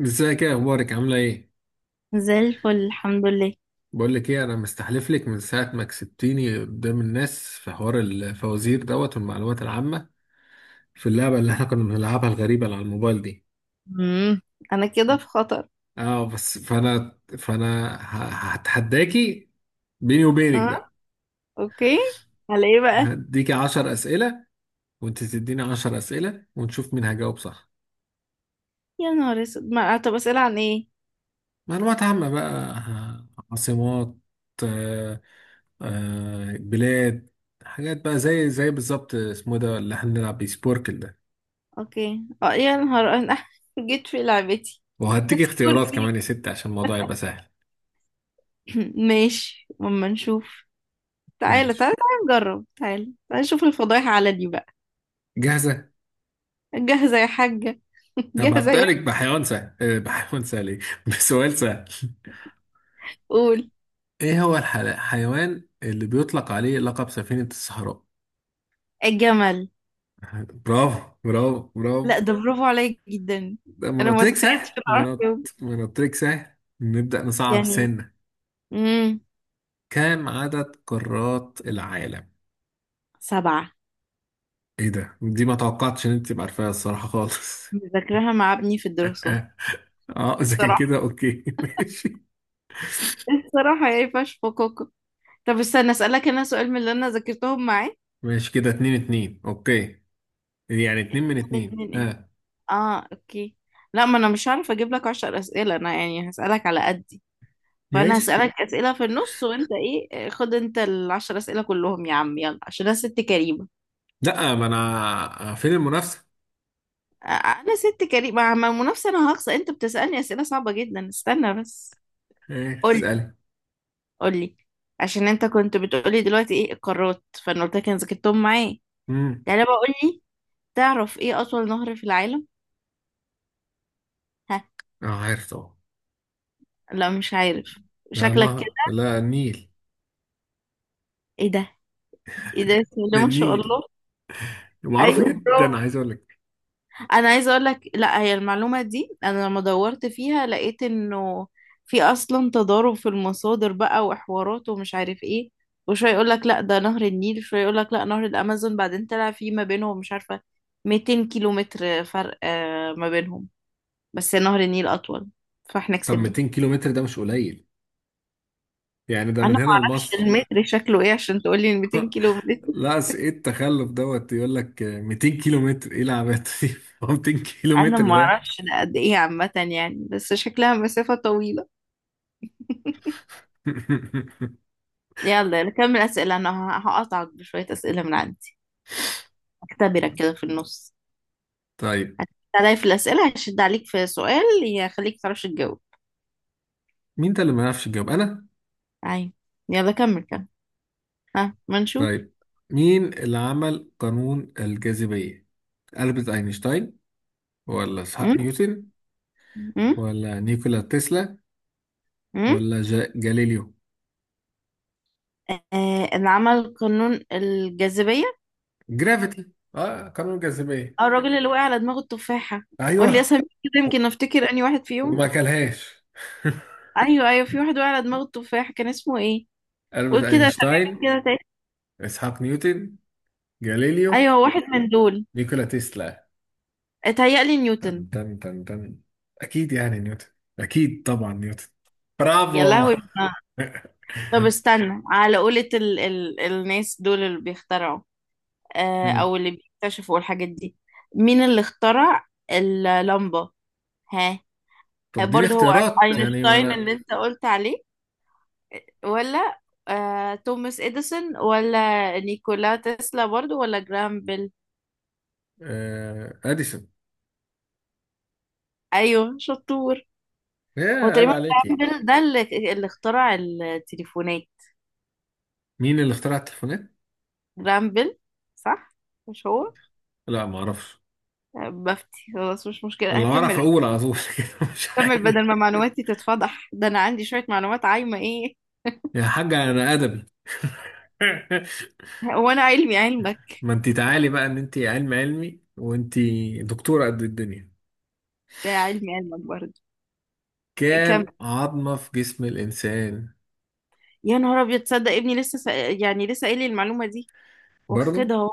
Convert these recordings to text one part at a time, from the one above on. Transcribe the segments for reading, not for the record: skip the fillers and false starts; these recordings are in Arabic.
ازيك؟ ايه اخبارك؟ عامله ايه؟ زي الفل، الحمد لله. بقول لك ايه، انا مستحلف لك من ساعه ما كسبتيني قدام الناس في حوار الفوازير دوت والمعلومات العامه، في اللعبه اللي احنا كنا بنلعبها الغريبه اللي على الموبايل دي. امم انا كده في خطر. اه بس هتحداكي بيني وبينك اه. بقى. اوكي. على ايه بقى؟ هديكي 10 اسئله وانت تديني 10 اسئله ونشوف مين هجاوب صح. يا نهار اسود، ما طب اسئله عن ايه؟ معلومات عامه بقى، عاصمات، آه، بلاد، حاجات بقى زي بالظبط، اسمه إيه ده اللي احنا بنلعب بيه؟ سبوركل ده. اوكي، اه، يا نهار انا جيت في لعبتي. وهديك اختيارات سوري. كمان يا ست عشان الموضوع يبقى سهل. ماشي، اما نشوف. تعالى ماشي. تعالى تعالى نجرب، تعالى تعالى نشوف الفضايح على دي بقى. جاهزة؟ جاهزه يا حاجه. طب جاهزه هبدأ يا. لك بحيوان سهل، بحيوان سهل، بسؤال سهل. قول. ايه هو الحيوان اللي بيطلق عليه لقب سفينة الصحراء؟ الجمل. برافو، برافو، برافو. لا، ده برافو عليك جدا. ده ما انا انا قلت ما لك سهل تخيلتش إن ما أعرف انا قلت أجاوب. ما أنا قلت لك سهل. نبدأ نصعب يعني سنة. امم كم عدد قارات العالم؟ سبعه. ايه ده، دي ما توقعتش ان انت تبقى عارفاها الصراحة خالص. مذاكراها مع ابني في الدراسات. اه اذا كان صراحة. كده اوكي، ماشي. الصراحة يعني فش فكوكو. طب استنى اسألك انا سؤال من اللي انا ذاكرتهم معاك. ماشي، كده اتنين اتنين، اوكي، يعني اتنين من اتنين، الاتنين ايه؟ ها؟ اه اوكي. لا، ما انا مش هعرف اجيب لك عشر اسئلة، انا يعني هسألك على قدي. فانا ماشي. هسألك اسئلة في النص، وانت ايه، خد انت العشر اسئلة كلهم يا عم، يلا عشان انا ست كريمة. لا، ما انا فين المنافسة؟ انا ست كريمة مع المنافسة، انا هخسر، انت بتسألني اسئلة صعبة جدا. استنى بس. ايه، قولي اسألي. قولي. عشان انت كنت بتقولي دلوقتي ايه القارات، فانا قلت لك انا ذاكرتهم معايا. امم. يعني بقول لي، تعرف ايه اطول نهر في العالم؟ اه عارف طبعا. لا مش عارف، لا شكلك نهر، كده. لا، النيل. ايه ده، ايه ده، بسم الله ما شاء النيل الله. معروف ايوه، برافو. جدا، عايز اقول لك. انا عايزه اقول لك، لا، هي المعلومه دي انا لما دورت فيها لقيت انه في اصلا تضارب في المصادر بقى وحوارات ومش عارف ايه، وشويه يقول لك لا ده نهر النيل، شويه يقول لك لا نهر الامازون، بعدين طلع في ما بينهم مش عارفه 200 كيلو متر فرق ما بينهم، بس نهر النيل اطول، فاحنا طب كسبنا. 200 كيلو متر ده مش قليل، يعني ده انا من هنا ما اعرفش لمصر. المتر شكله ايه عشان تقولي 200 كيلو متر. لا ايه التخلف دوت؟ يقول لك 200 كيلو متر، ايه العبات دي؟ هو 200 كيلو انا متر ما ده! اعرفش ده قد ايه عامه يعني، بس شكلها مسافه طويله. يلا نكمل اسئله، انا هقطعك بشويه اسئله من عندي، اختبرك كده في النص. طيب. هتلاقي في الاسئله هشد عليك في سؤال يخليك تعرفش تجاوب. مين ده اللي ما يعرفش يجاوب؟ انا؟ عين. يلا كمل كمل. ها، ما نشوف. طيب، مين اللي عمل قانون الجاذبية؟ ألبرت أينشتاين ولا إسحاق م? نيوتن م? ولا نيكولا تسلا م? ولا جاليليو؟ آه، اللي عمل قانون الجاذبيه. جرافيتي، اه قانون الجاذبية. اه، الراجل اللي وقع على دماغه التفاحه. ايوه. قول لي اسامي كده، و- يمكن افتكر اني واحد فيهم. وما كلهاش. ايوه ايوه، في واحد وقع على دماغه التفاحه، كان اسمه ايه؟ ألبرت قول كده اسامي أينشتاين، كده. إسحاق نيوتن، جاليليو، ايوه، واحد من دول. نيكولا تسلا. اتهيألي نيوتن. تن، أكيد يعني نيوتن، أكيد طبعا نيوتن. يا برافو. لهوي. طب استنى، على قولة ال الناس دول اللي بيخترعوا، مم. او اللي بيكتشفوا الحاجات دي، مين اللي اخترع اللمبة؟ ها؟ طب اديني برضه هو اختيارات يعني، ما اينشتاين اللي انا. انت قلت عليه، ولا توماس اديسون، ولا نيكولا تسلا برضه، ولا جرام بيل؟ اديسون. ايوه، شطور. ايه؟ هو عيب تقريبا. عليك، جرام ايه؟ بيل ده اللي اخترع التليفونات. مين اللي اخترع التليفونات؟ جرام بيل، صح؟ مش هو؟ لا ما اعرفش. بفتي خلاص، مش مشكلة، اللي هكمل. اعرف اقول على طول، كده مش هكمل عارف. بدل ما معلوماتي تتفضح، ده أنا عندي شوية معلومات عايمة إيه. يا حاجة انا ادبي. وأنا علمي علمك. ما انت تعالي بقى، ان انت علم علمي، وانت دكتورة قد الدنيا. ده علمي علمك برضه. كمل. كام عظمة في جسم الانسان؟ يا نهار أبيض، تصدق ابني لسه يعني لسه قايل لي المعلومة دي، برضو؟ واخدها أهو.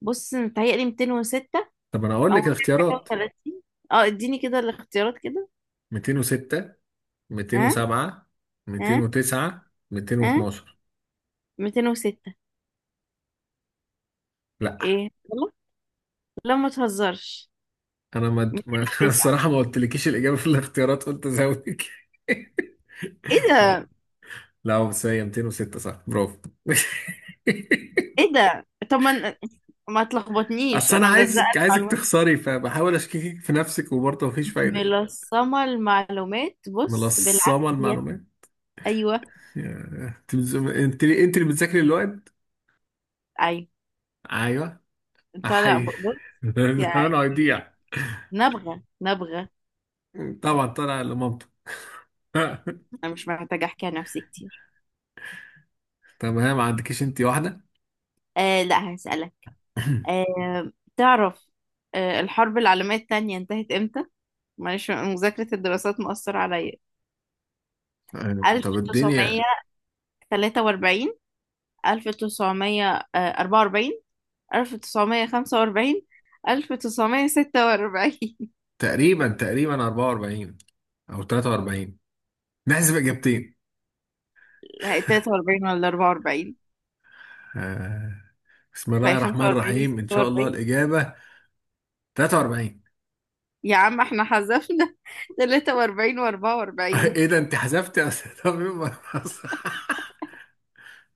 بص، متهيألي 206، طب انا اقول أو لك الاختيارات: 230. اديني كده الاختيارات كده. 206، ها 207، ها 209، ها. 212. 206. لا. إيه غلط؟ لا، ما تهزرش. انا انا 209. الصراحة ما قلتلكيش الاجابة في الاختيارات، قلت ازودك. إيه ده، لا هو بس هي 206، صح، برافو. إيه ده، طب ما تلخبطنيش اصل انا أنا ملزقة. عايزك المعلومات. تخسري، فبحاول اشككك في نفسك، وبرضه مفيش فايده. ملصمة المعلومات بص ملصمه بالعافية. المعلومات. أيوه. انت انت اللي بتذاكري الوقت. أيوه. ايوه. أنت لا، احي. بص. يعني. انا هيضيع. نبغة نبغة. طبعا طالع لمامته. أنا مش محتاجة أحكي عن نفسي كتير. طب هي ما عندكيش انت واحده؟ آه، لا هسألك. آه. تعرف. الحرب العالمية التانية انتهت إمتى؟ معلش، مذاكرة الدراسات مؤثرة عليا. طب 1943، الدنيا، 1944، 1945، 1946. تقريبا 44 او 43، نحسب اجابتين. 43، 43 ولا 44؟ آه، بسم الله فهي الرحمن 45 يا الرحيم، ان شاء الله 46. الاجابه 43. يا عم احنا حذفنا 43 و44. ايه ده، انت حذفت 43 مرة؟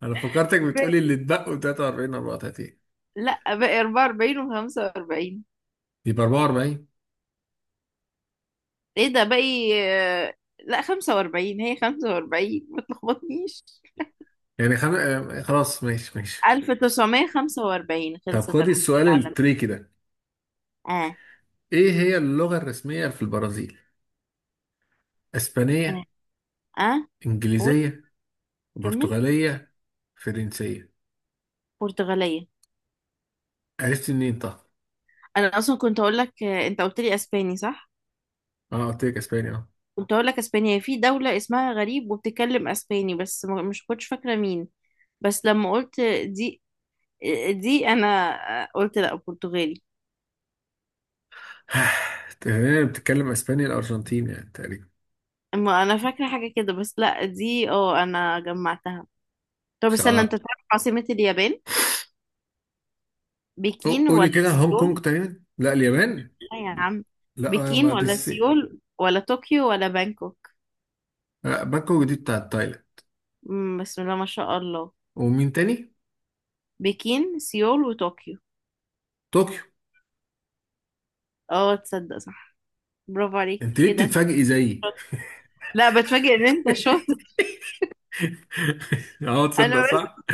انا فكرتك بتقولي اللي اتبقوا 43، 34. لا، باقي 44 و45. يبقى 44. ايه ده، باقي لا 45، هي 45، ما تلخبطنيش. يعني خم... آه، خلاص، ماشي ماشي. 1945 طب خلصت خدي الحرب السؤال العالمية. التريكي ده. اه ايه هي اللغة الرسمية في البرازيل؟ اه اسبانية، اه. قول. انجليزية، كمل. برتغالية، فرنسية؟ برتغالية. عرفت منين طب؟ انا اصلا كنت اقول لك، انت قلت لي اسباني صح؟ اه قلت لك اسباني، اه. كنت اقول لك اسبانيا هي، في دولة اسمها غريب وبتتكلم اسباني، بس مش كنتش فاكرة مين. بس لما قلت دي دي انا قلت لا برتغالي. تقريبا بتتكلم اسباني الارجنتين يعني تقريبا. اما انا فاكره حاجه كده، بس لا دي انا جمعتها. طب استنى، شاط. انت تعرف عاصمه اليابان؟ بكين قولي ولا كده، هونج كونج سيول؟ تقريبا، لا اليابان. لا يا عم. لا، ما بكين دي ولا الصين. سيول ولا طوكيو ولا بانكوك؟ لا، بانكوك دي بتاعت تايلاند. مم، بسم الله ما شاء الله. ومين تاني؟ بكين، سيول، وطوكيو. طوكيو. اه، تصدق صح؟ برافو عليك. انت ليه ايه ده؟ بتتفاجئي زيي؟ لا، بتفاجئ ان انت شاطر. اه انا تصدق بس. صح؟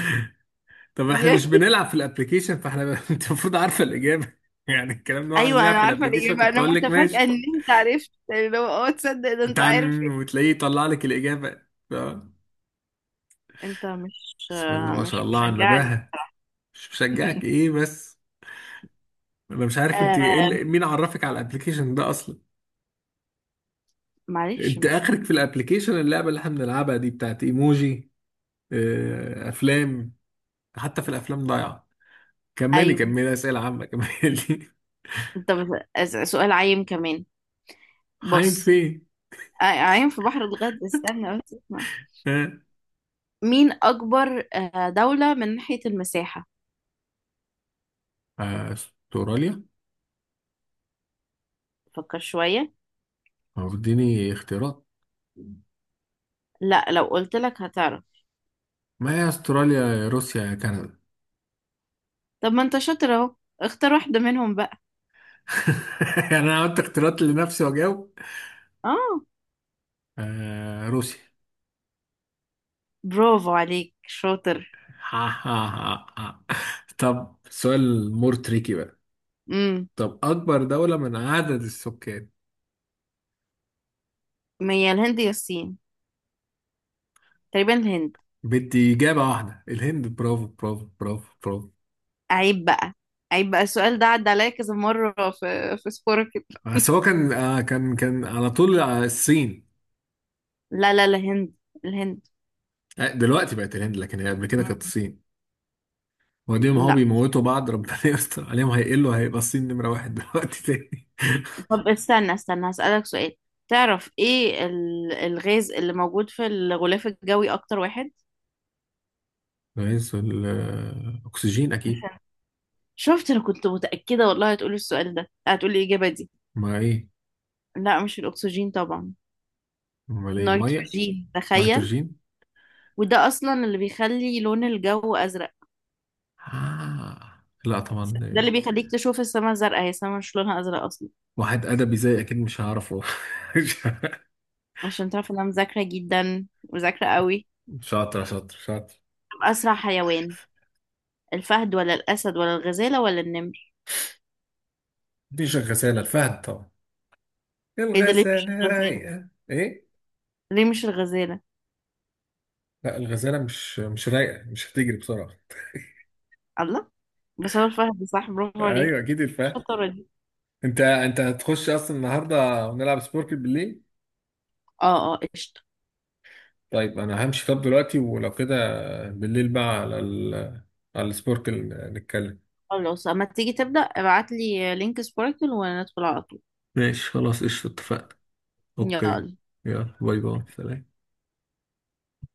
طب احنا مش يعني بنلعب في الابليكيشن، فاحنا ب... انت المفروض عارفه الاجابه، يعني الكلام ده، احنا ايوه، بنلعب انا في عارفه الابليكيشن، الاجابه، كنت انا اقول لك متفاجئه ماشي. ان انت عرفت. اللي هو تصدق ده انت عارف. تعن وتلاقيه يطلع لك الاجابه. اه. انت مش. بسم الله ما شاء مش الله على مشجعني. النباهه. مش بشجعك؟ ايه بس؟ انا مش عارف انت ايه آه. اللي... مين عرفك على الابليكيشن ده اصلا؟ معلش انت ما. اخرك في الابليكيشن اللعبه اللي احنا بنلعبها دي بتاعت ايموجي، افلام. حتى في الافلام ضايعه. كملي، ايوه. اسئله عامه، كملي. انت بس... سؤال عايم كمان. حي بص. فين؟ عايم في بحر الغد، استنى بس اسمع. ها. مين اكبر دولة من ناحية المساحة؟ استراليا؟ فكر شوية. هو اديني اختيارات. لا، لو قلت لك هتعرف. ما هي استراليا يا روسيا يا كندا. طب ما انت شاطر اهو، اختار واحدة منهم بقى. يعني انا عملت اختيارات لنفسي واجاوب. اه. روسيا. برافو عليك، شاطر. ها ها ها ها. طب سؤال مور تريكي بقى. امم. طب اكبر دولة من عدد السكان؟ ما هي الهند يا الصين؟ تقريبا الهند. بدي اجابة واحدة. الهند. برافو، برافو، برافو، برافو. عيب بقى. عيب بقى، السؤال ده عدى عليا كذا مرة في سبورك. بس هو كان، كان على طول الصين. لا لا، الهند. الهند. دلوقتي بقت الهند، لكن هي قبل كده كانت مم. الصين. وبعدين ما هو لا. بيموتوا بعض، ربنا يستر عليهم، هيقلوا، هيبقى الصين نمرة واحد دلوقتي تاني. طب استنى استنى، هسألك سؤال. تعرف ايه الغاز اللي موجود في الغلاف الجوي اكتر واحد؟ رئيس الأكسجين أكيد. عشان شفت، انا كنت متأكدة والله هتقولي السؤال ده، هتقولي الإجابة دي. ما إيه؟ لا، مش الأكسجين طبعا. أمال إيه؟ مية؟ نيتروجين، تخيل. نيتروجين. وده أصلا اللي بيخلي لون الجو أزرق. لا طبعا، ده اللي بيخليك تشوف السماء زرقاء، هي السماء مش لونها أزرق أصلا. واحد أدبي زي أكيد مش هعرفه. عشان تعرف إن أنا مذاكرة جدا، مذاكرة قوي. شاطر، شاطر. أسرع حيوان، الفهد ولا الأسد ولا الغزالة ولا النمر؟ مفيش الغسالة، الفهد طبعا. ايه ده، ليه مش الغسالة الغزالة؟ رايقة إيه؟ ليه مش الغزالة؟ لا الغزالة مش رايقة، مش هتجري بسرعة. الله. بس هو الفهد صح، برافو عليك. أيوة أكيد الفهد. الشطارة دي. انت هتخش اصلا النهارده ونلعب سبوركل بالليل؟ اه اه قشطة. طيب انا همشي طب دلوقتي، ولو كده بالليل بقى على ال... على السبوركل نتكلم. خلاص اما تيجي تبدأ ابعتلي لينك سباركل، وندخل على طول. ماشي خلاص قشطة، اتفقنا. اوكي. يلا. يلا، باي باي، سلام.